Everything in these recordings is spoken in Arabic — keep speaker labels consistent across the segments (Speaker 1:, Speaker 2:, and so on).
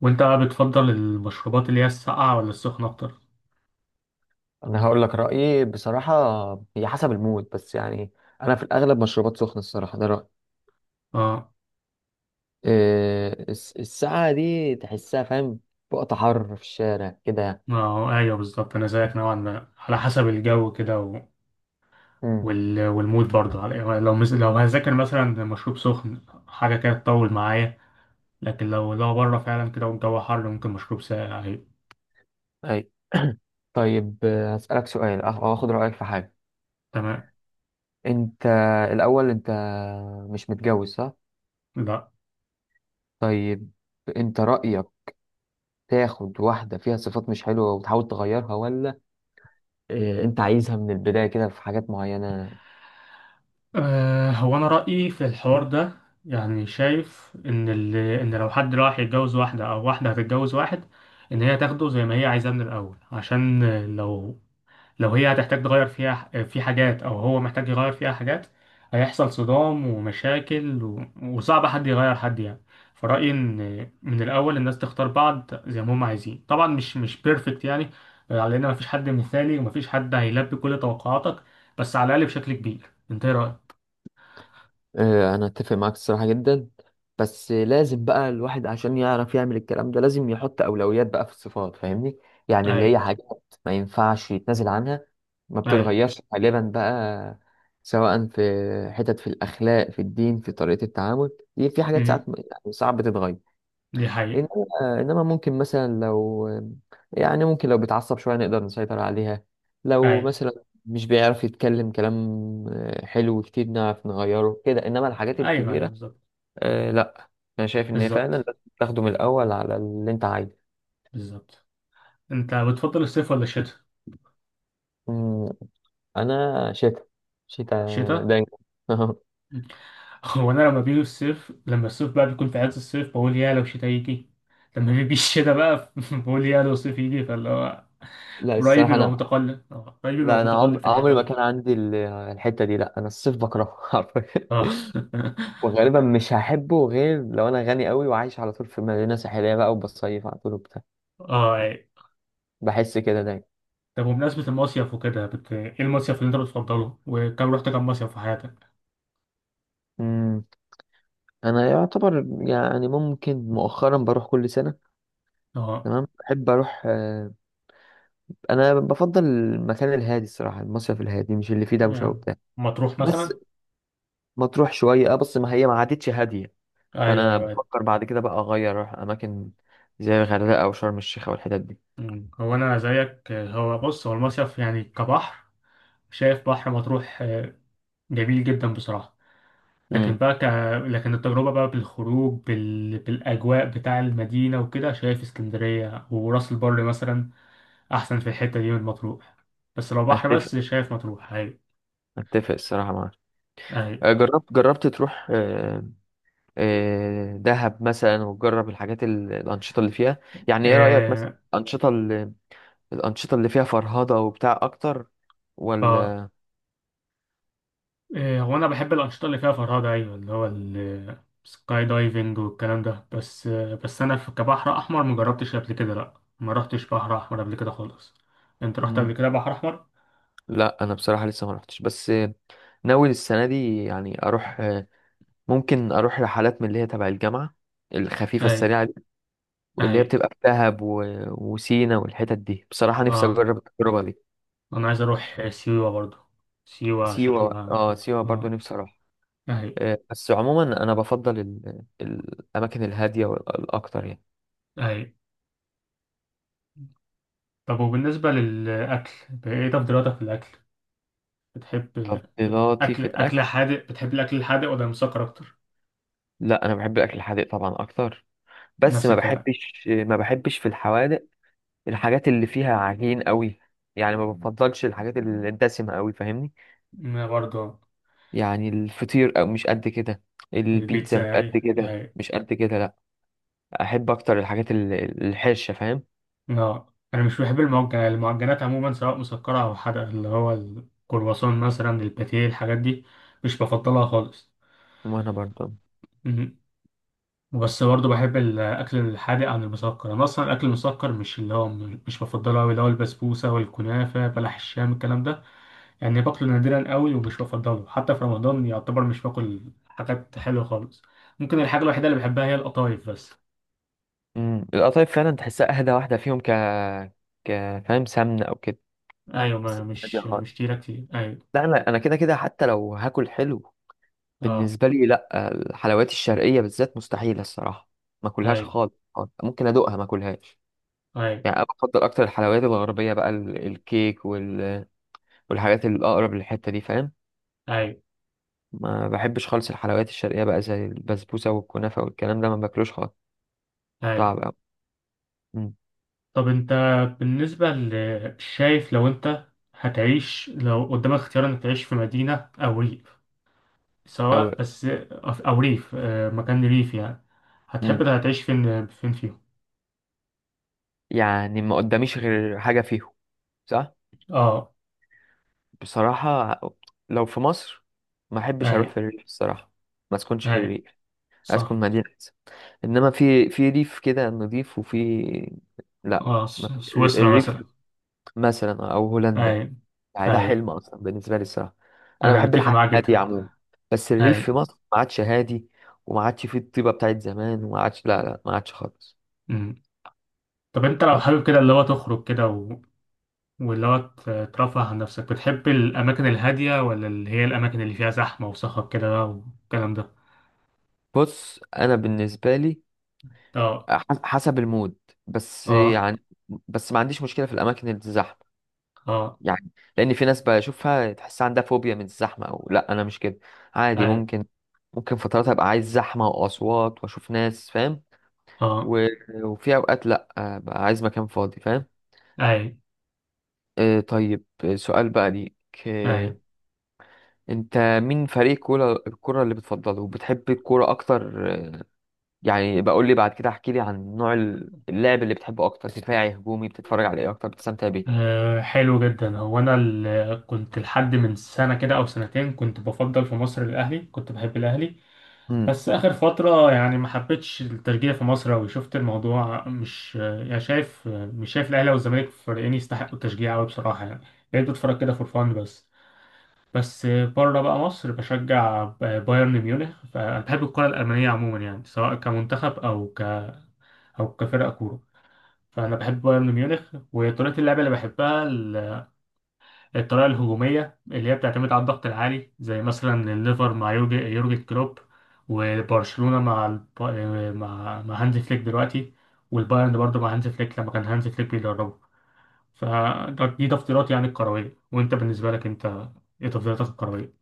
Speaker 1: وانت بقى بتفضل المشروبات اللي هي الساقعة ولا السخنة اكتر؟
Speaker 2: انا هقول لك رايي بصراحه. هي حسب المود بس يعني. انا في الاغلب مشروبات سخنه الصراحه، ده رايي.
Speaker 1: اه.
Speaker 2: إيه الساعه دي تحسها، فاهم؟ وقت حر في الشارع كده.
Speaker 1: اه، ايوه بالظبط، انا زيك نوعا ما على حسب الجو كده
Speaker 2: امم
Speaker 1: والمود برضه يعني لو هذاكر مثلا مشروب سخن، حاجة كده تطول معايا. لكن لو بره فعلا كده والجو حر ممكن مشروب ساقع، أيوة.
Speaker 2: اي. طيب آه، هسالك سؤال أخ- او اخد رايك في حاجه.
Speaker 1: تمام.
Speaker 2: انت انت مش متجوز، صح؟
Speaker 1: لا.
Speaker 2: طيب، انت رايك تاخد واحده فيها صفات مش حلوه وتحاول تغيرها، ولا إيه؟ انت عايزها من البدايه كده في حاجات معينه؟
Speaker 1: آه هو انا رأيي في الحوار ده، يعني شايف ان ان لو حد راح يتجوز واحدة او واحدة هتتجوز واحد، ان هي تاخده زي ما هي عايزاه من الاول، عشان لو لو هي هتحتاج تغير فيها في حاجات او هو محتاج يغير فيها حاجات هيحصل صدام ومشاكل، وصعب حد يغير حد يعني. فرأيي ان من الاول الناس تختار بعض زي ما هم عايزين، طبعا مش بيرفكت يعني، على ان مفيش حد مثالي ومفيش حد هيلبي كل توقعاتك، بس على الاقل بشكل كبير. انت ايه رأيك؟
Speaker 2: آه، انا اتفق معاك الصراحه جدا. بس لازم بقى الواحد عشان يعرف يعمل الكلام ده لازم يحط اولويات بقى في الصفات، فاهمني؟ يعني اللي
Speaker 1: اي.
Speaker 2: هي حاجات ما ينفعش يتنازل عنها، ما
Speaker 1: اي.
Speaker 2: بتتغيرش غالبا بقى. سواء في حتت في الاخلاق، في الدين، في طريقه التعامل، دي في حاجات ساعات
Speaker 1: أمم.
Speaker 2: يعني صعب تتغير.
Speaker 1: دي حقيقة.
Speaker 2: انما ممكن مثلا لو، يعني ممكن لو بيتعصب شويه نقدر نسيطر عليها.
Speaker 1: اي،
Speaker 2: لو مثلا مش بيعرف يتكلم كلام، آه، حلو كتير نعرف نغيره كده. انما الحاجات
Speaker 1: ايوه ايوه
Speaker 2: الكبيره،
Speaker 1: بالظبط.
Speaker 2: آه لا، انا شايف ان هي فعلا
Speaker 1: بالظبط.
Speaker 2: لازم تاخده من الاول على اللي انت عايزه.
Speaker 1: بالظبط. انت بتفضل الصيف ولا الشتاء؟
Speaker 2: أمم، انا شتا. شتا
Speaker 1: الشتاء.
Speaker 2: دايما.
Speaker 1: هو انا لما بيجي الصيف، لما الصيف بقى بيكون في عز الصيف بقول يا لو شتاء يجي، لما بيجي الشتاء بقى بقول يا لو صيف يجي، فاللي هو
Speaker 2: لا
Speaker 1: رأيي
Speaker 2: الصراحه
Speaker 1: بيبقى
Speaker 2: انا،
Speaker 1: متقلب، اه رأيي بيبقى
Speaker 2: لا انا
Speaker 1: متقلب
Speaker 2: عمري
Speaker 1: في الحتة
Speaker 2: ما
Speaker 1: دي.
Speaker 2: كان عندي الحته دي. لا انا الصيف بكرهه حرفيا.
Speaker 1: اه.
Speaker 2: وغالبا مش هحبه غير لو انا غني قوي وعايش على طول في مدينه ساحليه بقى وبصيف على طول وبتاع.
Speaker 1: اه. أي.
Speaker 2: بحس كده دايما.
Speaker 1: طب وبمناسبة المصيف وكده ايه المصيف اللي انت بتفضله، وكم رحت كم مصيف في حياتك؟
Speaker 2: امم انا يعتبر يعني ممكن مؤخرا بروح كل سنه.
Speaker 1: اه.
Speaker 2: تمام، بحب اروح آه، انا بفضل المكان الهادي الصراحه، المصيف الهادي مش اللي فيه دوشه
Speaker 1: يعني
Speaker 2: وبتاع.
Speaker 1: مطروح
Speaker 2: بس
Speaker 1: مثلا.
Speaker 2: ما تروح شويه اه بس ما هي ما عادتش هاديه.
Speaker 1: ايوه
Speaker 2: فانا
Speaker 1: ايوه.
Speaker 2: بفكر بعد كده بقى اغير اروح اماكن زي الغردقه او شرم الشيخ او الحتت دي.
Speaker 1: أمم. هو انا زيك، هو بص، هو المصيف يعني كبحر، شايف بحر مطروح، جميل جدا بصراحة. لكن
Speaker 2: امم
Speaker 1: بقى لكن التجربة بقى بالخروج بالأجواء بتاع المدينة وكده، شايف اسكندرية وراس البر مثلا أحسن في الحتة دي من مطروح. بس لو بحر
Speaker 2: اتفق،
Speaker 1: بس، شايف مطروح أيوة.
Speaker 2: الصراحه معاك.
Speaker 1: أيوة.
Speaker 2: آه، جربت تروح آه، آه، دهب مثلا وتجرب الحاجات الأنشطة اللي فيها. يعني ايه رأيك مثلا
Speaker 1: آه
Speaker 2: الأنشطة الأنشطة اللي فيها فرهضة وبتاع أكتر،
Speaker 1: آه
Speaker 2: ولا؟
Speaker 1: هو أنا بحب الأنشطة اللي فيها فرهدة، أيوة، اللي هو السكاي دايفنج والكلام ده، بس بس أنا كبحر أحمر مجربتش قبل كده، لأ، ما رحتش بحر أحمر قبل كده خالص. أنت رحت قبل
Speaker 2: مم.
Speaker 1: كده بحر أحمر؟
Speaker 2: لا أنا بصراحة لسه ما رحتش، بس آه، ناوي السنة دي يعني أروح آه، ممكن أروح رحلات من اللي هي تبع الجامعة الخفيفة
Speaker 1: أيوة.
Speaker 2: السريعة دي، واللي هي
Speaker 1: أيوة.
Speaker 2: بتبقى في دهب و... وسينا والحتت دي. بصراحة نفسي
Speaker 1: آه.
Speaker 2: أجرب التجربة دي.
Speaker 1: انا عايز اروح سيوة برضو، سيوة
Speaker 2: سيوة
Speaker 1: شكلها.
Speaker 2: اه سيوة برضو
Speaker 1: اه.
Speaker 2: نفسي أروح.
Speaker 1: اهي.
Speaker 2: آه، بس عموما أنا بفضل ال... الأماكن الهادية والأكتر يعني.
Speaker 1: اهي. طب وبالنسبة للاكل ايه تفضيلاتك في الاكل، بتحب
Speaker 2: تفضيلاتي
Speaker 1: اكل
Speaker 2: في
Speaker 1: اكل
Speaker 2: الاكل؟
Speaker 1: حادق، بتحب الاكل الحادق ولا المسكر اكتر؟
Speaker 2: لا انا بحب الاكل الحادق طبعا اكتر. بس
Speaker 1: نفس الكلام.
Speaker 2: ما بحبش في الحوادق الحاجات اللي فيها عجين قوي. يعني ما بفضلش الحاجات الدسمه قوي، فاهمني؟
Speaker 1: انا برضو.
Speaker 2: يعني الفطير او مش قد كده. البيتزا
Speaker 1: البيتزا
Speaker 2: مش قد
Speaker 1: يعني
Speaker 2: كده،
Speaker 1: اهي.
Speaker 2: لا. احب اكتر الحاجات الحرشه، فاهم؟
Speaker 1: لا انا مش بحب المعجنات، المعجنات عموما سواء مسكرة او حادقة، اللي هو الكرواسون مثلا، الباتيه، الحاجات دي مش بفضلها خالص.
Speaker 2: وانا برضه.
Speaker 1: بس برضه بحب الأكل الحادق عن المسكر، أنا أصلا الأكل المسكر مش اللي هو مش بفضله أوي، اللي هو البسبوسة والكنافة، بلح الشام، الكلام ده يعني باكله نادرا أوي، ومش بفضله حتى في رمضان، يعتبر مش باكل حاجات حلوة خالص. ممكن الحاجة الوحيدة اللي بحبها هي القطايف بس.
Speaker 2: امم، القطايف فعلا تحسها اهدى واحده فيهم، ك ك فاهم؟ سمنه او كده،
Speaker 1: أيوة،
Speaker 2: بس
Speaker 1: ما
Speaker 2: هادية
Speaker 1: مش
Speaker 2: خالص.
Speaker 1: مش كتيرة كتير، أيوة.
Speaker 2: لا انا، انا كده كده حتى لو هاكل حلو
Speaker 1: أه.
Speaker 2: بالنسبة لي، لا الحلويات الشرقية بالذات مستحيلة الصراحة. ما كلهاش
Speaker 1: أيوة.
Speaker 2: خالص خالص. ممكن أدوقها ما كلهاش.
Speaker 1: أيوة.
Speaker 2: يعني أنا بفضل أكتر الحلويات الغربية بقى، الكيك وال... والحاجات الأقرب للحتة دي، فاهم؟
Speaker 1: أيوة.
Speaker 2: ما بحبش خالص الحلويات الشرقية بقى زي البسبوسة والكنافة والكلام ده، ما باكلوش خالص.
Speaker 1: أيوة.
Speaker 2: صعب أوي. مم.
Speaker 1: طب أنت، بالنسبة شايف لو أنت هتعيش، لو قدامك اختيار إنك تعيش في مدينة أو ريف،
Speaker 2: أوي.
Speaker 1: سواء بس، أو ريف، مكان ريف يعني، هتحب
Speaker 2: مم.
Speaker 1: هتعيش فين فيهم؟
Speaker 2: يعني ما قداميش غير حاجة فيهم، صح؟
Speaker 1: اه.
Speaker 2: بصراحة، لو في مصر ما أحبش
Speaker 1: اي.
Speaker 2: أروح في الريف الصراحة. ما أسكنش في
Speaker 1: اي.
Speaker 2: الريف، أسكن
Speaker 1: صح.
Speaker 2: مدينة. انما في ريف كده نضيف وفي، لا
Speaker 1: اه،
Speaker 2: ما في-،
Speaker 1: سويسرا مثلا.
Speaker 2: الريف مثلا او
Speaker 1: اي.
Speaker 2: هولندا، يعني ده
Speaker 1: اي.
Speaker 2: حلم اصلا بالنسبه لي الصراحه. انا
Speaker 1: انا
Speaker 2: بحب
Speaker 1: متفق
Speaker 2: الحياه
Speaker 1: معاك جدا.
Speaker 2: الهاديه عموما. بس الريف
Speaker 1: اي.
Speaker 2: في مصر ما عادش هادي، وما عادش فيه الطيبه بتاعت زمان، وما عادش، لا ما عادش خالص.
Speaker 1: أمم. طب انت لو
Speaker 2: ف-
Speaker 1: حابب كده اللي هو تخرج كده واللي هو ترفه عن نفسك، بتحب الاماكن الهاديه ولا اللي هي الاماكن اللي فيها زحمه وصخب كده بقى والكلام ده؟
Speaker 2: بص انا بالنسبه لي
Speaker 1: اه.
Speaker 2: ح- حسب المود بس
Speaker 1: اه.
Speaker 2: يعني. بس ما عنديش مشكله في الاماكن اللي زحمه
Speaker 1: اه.
Speaker 2: يعني. لان في ناس بشوفها تحس عندها فوبيا من الزحمه، او لا انا مش كده. عادي
Speaker 1: اي.
Speaker 2: ممكن، ممكن فترات ابقى عايز زحمه واصوات واشوف ناس، فاهم؟
Speaker 1: اه.
Speaker 2: و... وفي اوقات لا، بقى عايز مكان فاضي، فاهم؟
Speaker 1: اي.
Speaker 2: آه طيب آه، سؤال بقى ليك آه.
Speaker 1: اي.
Speaker 2: انت مين فريق الكوره اللي بتفضله، وبتحب الكوره اكتر آه، يعني بقول لي بعد كده احكي لي عن نوع اللعب اللي بتحبه اكتر؟ دفاعي هجومي؟ بتتفرج على ايه اكتر بتستمتع بيه؟
Speaker 1: أه حلو جدا، هو انا كنت لحد من سنه كده او سنتين كنت بفضل في مصر الاهلي، كنت بحب الاهلي. بس اخر فتره يعني ما حبيتش التشجيع في مصر أوي، شفت الموضوع مش، يعني شايف، مش شايف الاهلي والزمالك فريقين يستحقوا التشجيع قوي بصراحه يعني. بقيت بتفرج كده فور فان بس. بس بره بقى مصر بشجع بايرن ميونخ، فانا بحب الكره الالمانيه عموما يعني، سواء كمنتخب او او كفرقه كوره. فانا بحب بايرن ميونخ وطريقه اللعب اللي بحبها، الطريقة الهجومية اللي هي بتعتمد على الضغط العالي، زي مثلا الليفر مع يورجن كلوب، وبرشلونة مع مع هانز فليك دلوقتي، والبايرن برضه مع هانز فليك لما كان هانز فليك بيدربه. فدي تفضيلات يعني الكروية، وانت بالنسبة لك انت ايه تفضيلاتك الكروية؟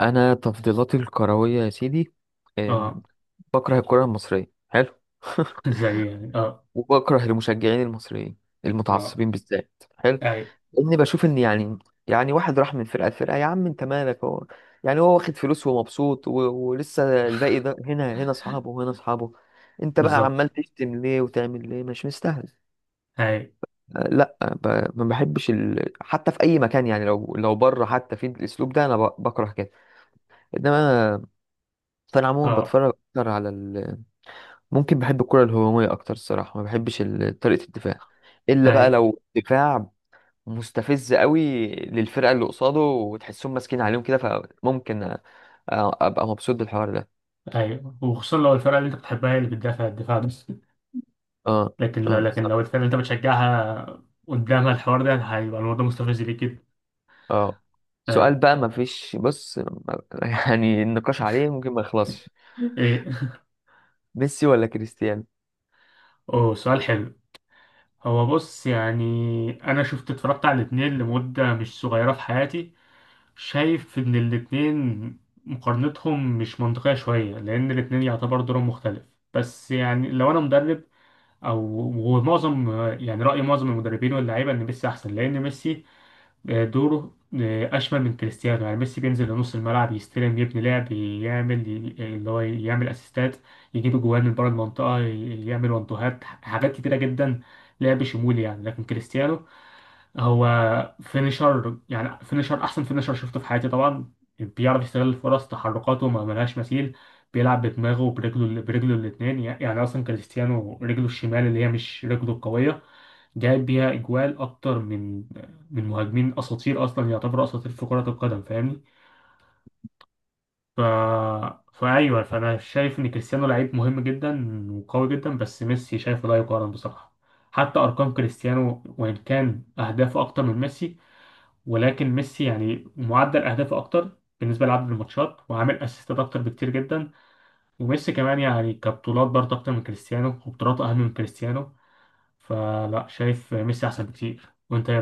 Speaker 2: انا تفضيلاتي الكرويه يا سيدي، أم،
Speaker 1: اه.
Speaker 2: بكره الكره المصريه، حلو.
Speaker 1: زي ايه يعني؟ اه.
Speaker 2: وبكره المشجعين المصريين
Speaker 1: اه.
Speaker 2: المتعصبين بالذات، حلو.
Speaker 1: اي،
Speaker 2: لاني بشوف ان يعني، يعني واحد راح من فرقه لفرقه، يا عم انت مالك؟ هو يعني هو واخد فلوس ومبسوط، و... ولسه الباقي ده هنا هنا اصحابه وهنا اصحابه. انت بقى
Speaker 1: بالظبط.
Speaker 2: عمال تشتم ليه وتعمل ليه؟ مش مستاهل.
Speaker 1: اي.
Speaker 2: أه، لا ب... ما بحبش، ال... حتى في اي مكان يعني لو بره حتى في الاسلوب ده انا ب... بكره كده. انما، فانا عموما
Speaker 1: اه.
Speaker 2: بتفرج اكتر على ال... ممكن بحب الكره الهجوميه اكتر الصراحه. ما بحبش طريقه الدفاع، الا
Speaker 1: اي.
Speaker 2: بقى لو دفاع مستفز قوي للفرقه اللي قصاده وتحسهم ماسكين عليهم كده، فممكن ابقى مبسوط بالحوار ده.
Speaker 1: اي، وخصوصا لو الفرقة اللي انت بتحبها هي اللي بتدافع الدفاع ده.
Speaker 2: اه.
Speaker 1: لكن لو
Speaker 2: اه بالظبط.
Speaker 1: الفرقة اللي انت بتشجعها قدامها الحوار ده، هيبقى الموضوع مستفز ليك جدا.
Speaker 2: اه سؤال
Speaker 1: طيب.
Speaker 2: بقى ما فيش بص ما- يعني النقاش عليه ممكن ما يخلصش.
Speaker 1: ايه؟
Speaker 2: ميسي ولا كريستيانو؟
Speaker 1: اوه سؤال حلو. هو بص، يعني انا اتفرجت على الاتنين لمدة مش صغيرة في حياتي، شايف ان الاتنين مقارنتهم مش منطقية شوية، لان الاتنين يعتبر دورهم مختلف. بس يعني لو انا مدرب، او ومعظم، يعني رأي معظم المدربين واللعيبة ان ميسي احسن، لان ميسي دوره أشمل من كريستيانو. يعني ميسي بينزل لنص الملعب، يستلم، يبني لعب، يعمل اللي هو يعمل أسيستات، يجيب جوان من بره المنطقة، يعمل وانتوهات، حاجات كتيرة جدا، لعب شمولي يعني. لكن كريستيانو هو فينيشر، يعني فينيشر، أحسن فينيشر شفته في حياتي طبعا، بيعرف يستغل الفرص، تحركاته ما ملهاش مثيل، بيلعب بدماغه وبرجله، برجله الاتنين يعني. أصلا كريستيانو رجله الشمال اللي هي مش رجله القوية جايب بيها اجوال اكتر من مهاجمين اساطير، اصلا يعتبروا اساطير في كرة القدم، فاهمني. ف... فايوه، فانا شايف ان كريستيانو لعيب مهم جدا وقوي جدا، بس ميسي شايفه لا يقارن بصراحة. حتى ارقام كريستيانو، وان كان اهدافه اكتر من ميسي، ولكن ميسي يعني معدل اهدافه اكتر بالنسبة لعدد الماتشات، وعامل اسيستات اكتر بكتير جدا، وميسي كمان يعني كبطولات برضه اكتر من كريستيانو، وبطولاته اهم من كريستيانو. فلا، شايف ميسي احسن بكتير. وانت ايه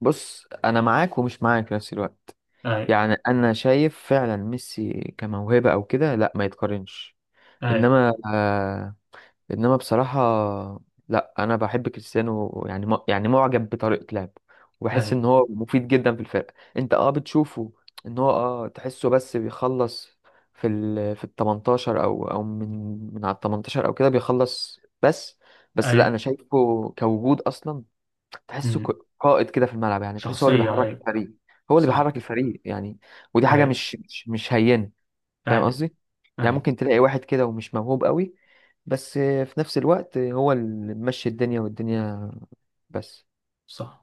Speaker 2: بص، انا معاك ومش معاك في نفس الوقت.
Speaker 1: رأيك؟
Speaker 2: يعني انا شايف فعلا ميسي كموهبة او كده لا ما يتقارنش.
Speaker 1: أي.
Speaker 2: انما آه، انما بصراحه، لا انا بحب كريستيانو. يعني م- يعني معجب بطريقه لعبه. وبحس
Speaker 1: أي.
Speaker 2: ان هو مفيد جدا في الفرقه. انت اه بتشوفه ان هو اه تحسه بس بيخلص في ال، في ال 18 او، من على ال 18 او كده بيخلص بس. بس لا انا
Speaker 1: أي.
Speaker 2: شايفه كوجود اصلا، تحسه
Speaker 1: أمم.
Speaker 2: ك- قائد كده في الملعب. يعني تحسه هو اللي
Speaker 1: شخصية،
Speaker 2: بيحرك
Speaker 1: أي.
Speaker 2: الفريق. هو اللي بيحرك
Speaker 1: صح.
Speaker 2: الفريق يعني. ودي حاجه
Speaker 1: أي.
Speaker 2: مش هينه، فاهم
Speaker 1: أي.
Speaker 2: قصدي؟ يعني
Speaker 1: أي.
Speaker 2: ممكن تلاقي واحد كده ومش موهوب قوي، بس في نفس الوقت هو اللي ماشي الدنيا والدنيا. بس
Speaker 1: صح.